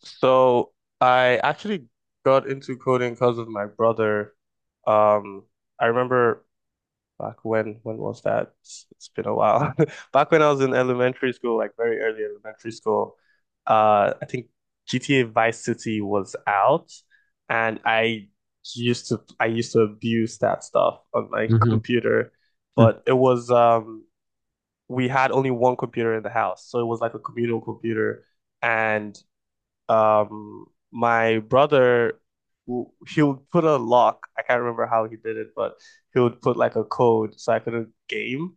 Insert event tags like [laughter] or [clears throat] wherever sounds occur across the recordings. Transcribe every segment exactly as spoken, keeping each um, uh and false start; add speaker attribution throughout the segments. Speaker 1: So I actually got into coding because of my brother. Um, I remember back when, when was that? It's, it's been a while. [laughs] Back when I was in elementary school, like very early elementary school, uh, I think G T A Vice City was out, and I used to I used to abuse that stuff on my [laughs]
Speaker 2: hmm
Speaker 1: computer, but it was um we had only one computer in the house, so it was like a communal computer. And um my brother w- he would put a lock. I can't remember how he did it, but he would put like a code so I couldn't game.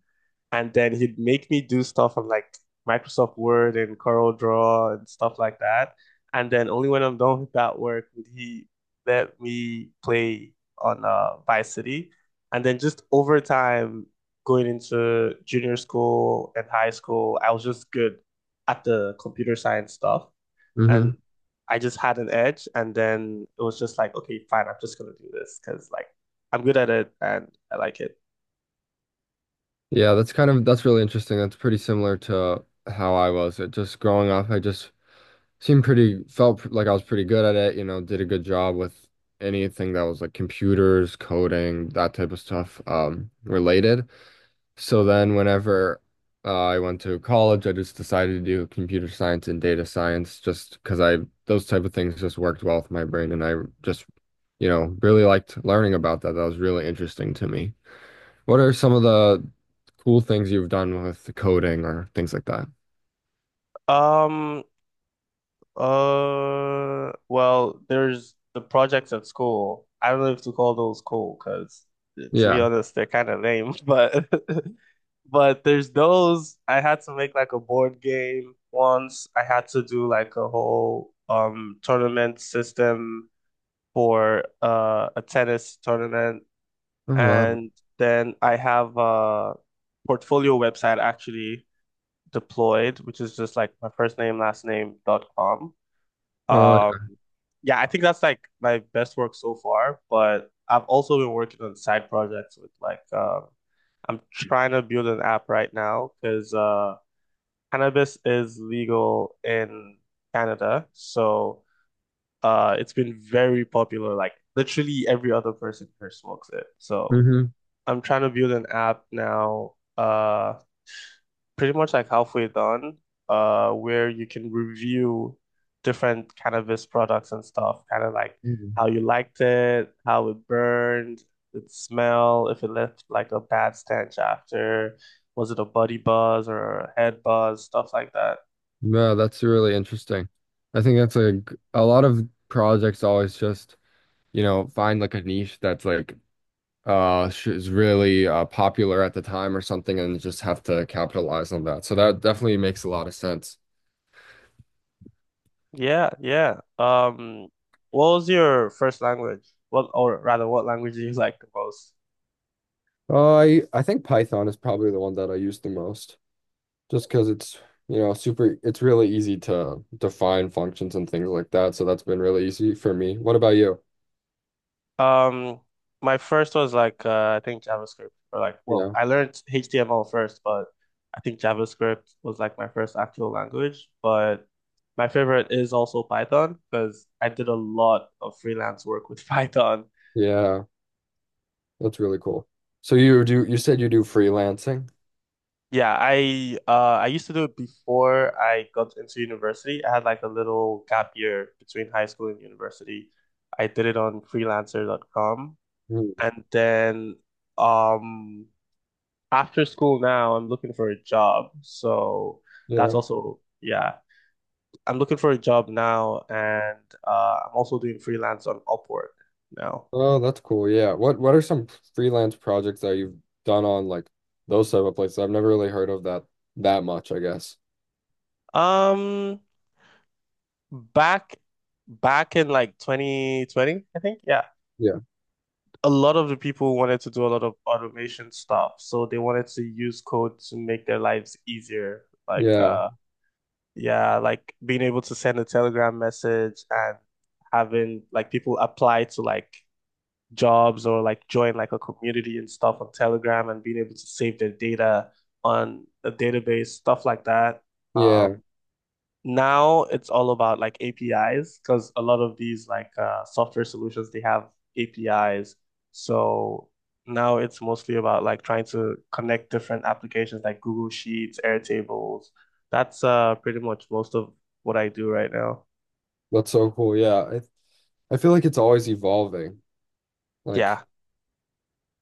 Speaker 1: And then he'd make me do stuff on like Microsoft Word and Corel Draw and stuff like that. And then only when I'm done with that work would he let me play on uh, Vice City. And then just over time, going into junior school and high school, I was just good at the computer science stuff, and
Speaker 2: hmm
Speaker 1: I just had an edge, and then it was just like, okay, fine, I'm just gonna do this because like I'm good at it and I like it.
Speaker 2: Yeah, that's kind of that's really interesting. That's pretty similar to how I was. It just Growing up, I just seemed pretty felt pr- like I was pretty good at it, you know, did a good job with anything that was like computers, coding, that type of stuff um related. So then whenever uh, I went to college, I just decided to do computer science and data science just because I those type of things just worked well with my brain and I just, you know, really liked learning about that. That was really interesting to me. What are some of the cool things you've done with coding or things like that?
Speaker 1: Um, uh, well, there's the projects at school. I don't know if to call those cool because to be
Speaker 2: Yeah.
Speaker 1: honest, they're kind of lame, [laughs] but [laughs] but there's those. I had to make like a board game once. I had to do like a whole um tournament system for uh a tennis tournament.
Speaker 2: Oh, wow.
Speaker 1: And then I have a portfolio website actually deployed, which is just like my first name, last name dot com.
Speaker 2: Oh,
Speaker 1: Um,
Speaker 2: yeah.
Speaker 1: yeah, I think that's like my best work so far, but I've also been working on side projects with like um I'm trying to build an app right now because uh cannabis is legal in Canada. So uh it's been very popular. Like literally every other person here smokes it. So
Speaker 2: Mm-hmm.
Speaker 1: I'm trying to build an app now, uh, pretty much like halfway done, uh, where you can review different cannabis products and stuff, kind of like
Speaker 2: Mm-hmm.
Speaker 1: how you liked it, how it burned, its smell, if it left like a bad stench after, was it a body buzz or a head buzz, stuff like that.
Speaker 2: Yeah, that's really interesting. I think that's like a lot of projects always just, you know, find like a niche that's like uh sh- is really uh popular at the time or something and just have to capitalize on that. So that definitely makes a lot of sense.
Speaker 1: Yeah, yeah. Um, what was your first language? What, or rather, what language do you [laughs] like the most?
Speaker 2: Uh, I I think Python is probably the one that I use the most, just because it's you know super. It's really easy to define functions and things like that, so that's been really easy for me. What about you?
Speaker 1: Um, my first was like uh, I think JavaScript or like, well,
Speaker 2: Yeah,
Speaker 1: I learned H T M L first, but I think JavaScript was like my first actual language. But my favorite is also Python because I did a lot of freelance work with [laughs] Python.
Speaker 2: yeah, that's really cool. So you do you said you do freelancing?
Speaker 1: Yeah, I uh I used to do it before I got into university. I had like a little gap year between high school and university. I did it on freelancer dot com,
Speaker 2: Mm,
Speaker 1: and then um after school now, I'm looking for a job. So that's
Speaker 2: yeah.
Speaker 1: also, yeah, I'm looking for a job now, and uh, I'm also doing freelance on Upwork now.
Speaker 2: Oh, that's cool. Yeah. What what are some freelance projects that you've done on like those type of places? I've never really heard of that that much, I guess.
Speaker 1: Um, back back in like twenty twenty, I think, yeah.
Speaker 2: Yeah.
Speaker 1: A lot of the people wanted to do a lot of automation stuff, so they wanted to use code to make their lives easier. Like,
Speaker 2: Yeah.
Speaker 1: uh, yeah, like being able to send a Telegram message and having like people apply to like jobs or like join like a community and stuff on Telegram and being able to save their data on a database, stuff like that. Um,
Speaker 2: Yeah.
Speaker 1: now it's all about like A P Is because a lot of these like uh, software solutions they have A P Is. So now it's mostly about like trying to connect different applications like Google Sheets, Airtables. That's uh pretty much most of what I do right now.
Speaker 2: That's so cool. Yeah. I I feel like it's always evolving. Like
Speaker 1: Yeah.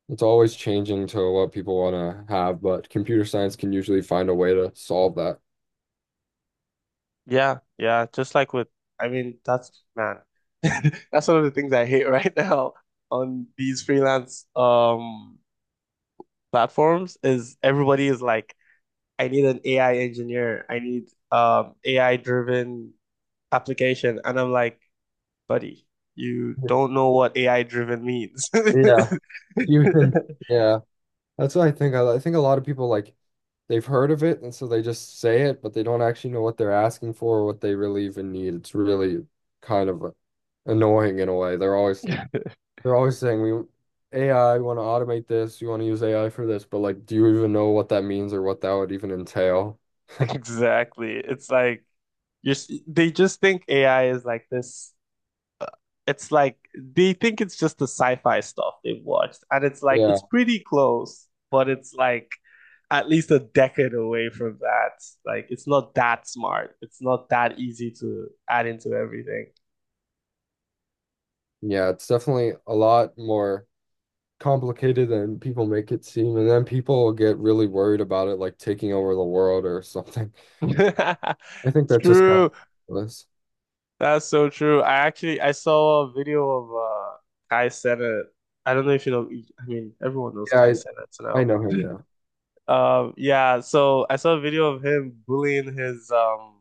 Speaker 2: it's always changing to what people want to have, but computer science can usually find a way to solve that.
Speaker 1: Yeah, yeah, just like with, I mean, that's, man, [laughs] that's one of the things I hate [laughs] right now on these freelance um platforms is everybody is like, I need an A I engineer, I need um A I driven application, and I'm like, buddy, you don't know what A I driven means.
Speaker 2: Yeah, even
Speaker 1: [laughs]
Speaker 2: yeah, that's what I think. I, I think a lot of people like they've heard of it, and so they just say it, but they don't actually know what they're asking for or what they really even need. It's really kind of annoying in a way. They're always
Speaker 1: Yeah.
Speaker 2: they're always saying we A I, we want to automate this, you want to use A I for this, but like, do you even know what that means or what that would even entail?
Speaker 1: Exactly. It's like you're, s- they just think A I is like this. It's like they think it's just the sci-fi stuff they've watched, and it's like
Speaker 2: Yeah.
Speaker 1: it's pretty close, but it's like at least a decade away from that. Like it's not that smart. It's not that easy to add into everything.
Speaker 2: Yeah, it's definitely a lot more complicated than people make it seem, and then people get really worried about it, like taking over the world or something.
Speaker 1: [laughs]
Speaker 2: [laughs] I think that's just kind of
Speaker 1: True.
Speaker 2: ridiculous.
Speaker 1: That's so true. I actually I saw a video of uh Kai Cenat. I don't know if you know, I mean everyone knows Kai
Speaker 2: Yeah,
Speaker 1: Cenat
Speaker 2: I I
Speaker 1: now.
Speaker 2: know him. Yeah.
Speaker 1: Um yeah, so I saw a video of him bullying his um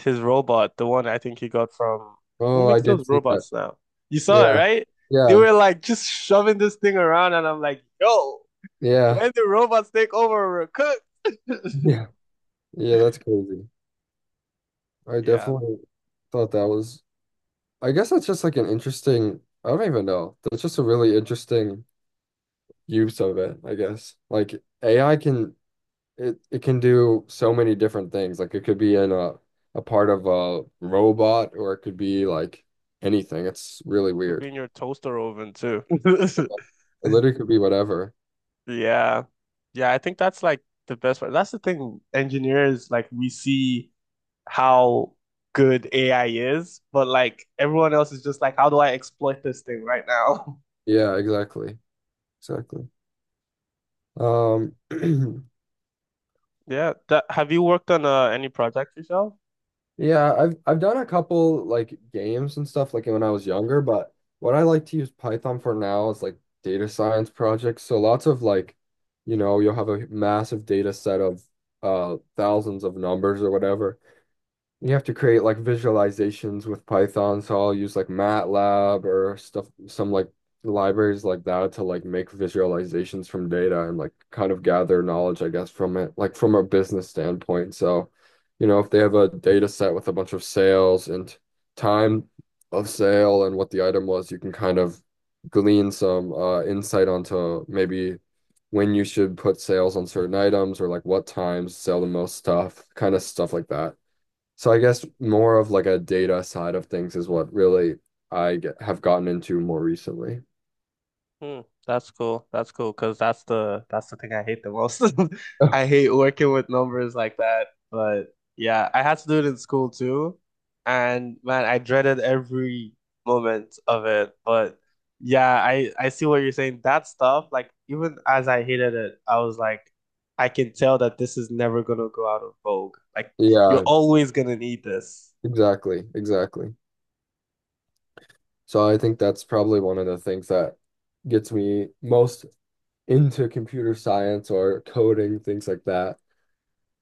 Speaker 1: his robot, the one I think he got from who
Speaker 2: Oh, I
Speaker 1: makes those
Speaker 2: did see that.
Speaker 1: robots now? You saw it,
Speaker 2: Yeah,
Speaker 1: right? They
Speaker 2: yeah,
Speaker 1: were like just shoving this thing around, and I'm like, yo,
Speaker 2: yeah,
Speaker 1: when do robots take over, we're cooked.
Speaker 2: [laughs]
Speaker 1: [laughs]
Speaker 2: yeah, yeah. That's crazy. I
Speaker 1: Yeah,
Speaker 2: definitely thought that was. I guess that's just like an interesting. I don't even know. That's just a really interesting use of it. I guess like A I can it it can do so many different things. Like it could be in a a part of a robot or it could be like anything. It's really
Speaker 1: could
Speaker 2: weird.
Speaker 1: be in your toaster oven too. [laughs]
Speaker 2: It literally could be whatever.
Speaker 1: Yeah. Yeah, I think that's like the best part. That's the thing, engineers, like we see how good A I is, but like everyone else is just like, how do I exploit this thing right now? [laughs]
Speaker 2: Yeah, exactly. Exactly. Um [clears throat]
Speaker 1: Yeah, that, have you worked on uh, any projects yourself?
Speaker 2: yeah, I've I've done a couple like games and stuff like when I was younger, but what I like to use Python for now is like data science projects. So lots of like, you know, you'll have a massive data set of uh thousands of numbers or whatever. You have to create like visualizations with Python, so I'll use like MATLAB or stuff, some like libraries like that to like make visualizations from data and like kind of gather knowledge, I guess, from it, like from a business standpoint. So, you know, if they have a data set with a bunch of sales and time of sale and what the item was, you can kind of glean some uh, insight onto maybe when you should put sales on certain items or like what times sell the most stuff, kind of stuff like that. So I guess more of like a data side of things is what really I get, have gotten into more recently.
Speaker 1: Hmm, that's cool. That's cool because that's the that's the thing I hate the most. [laughs]
Speaker 2: Oh,
Speaker 1: I hate working with numbers like that. But yeah, I had to do it in school too, and man, I dreaded every moment of it. But yeah, I I see what you're saying. That stuff, like even as I hated it, I was like, I can tell that this is never gonna go out of vogue. Like you're
Speaker 2: yeah,
Speaker 1: always gonna need this.
Speaker 2: exactly, exactly. So I think that's probably one of the things that gets me most into computer science or coding, things like that.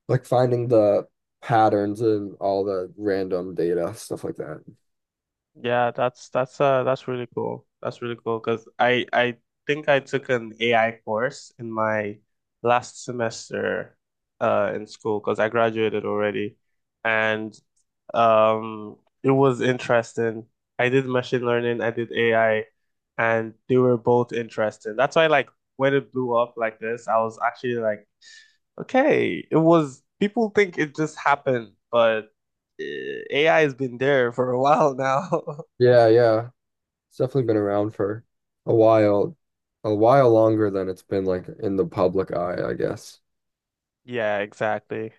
Speaker 2: Like finding the patterns and all the random data, stuff like that.
Speaker 1: Yeah, that's that's uh that's really cool. That's really cool because I I think I took an A I course in my last semester uh in school because I graduated already, and um it was interesting. I did machine learning, I did A I, and they were both interesting. That's why like when it blew up like this, I was actually like, okay, it was people think it just happened, but uh, A I has been there for a while now. [laughs]
Speaker 2: Yeah, yeah. It's definitely been around for a while, a while longer than it's been like in the public eye, I guess.
Speaker 1: Yeah, exactly.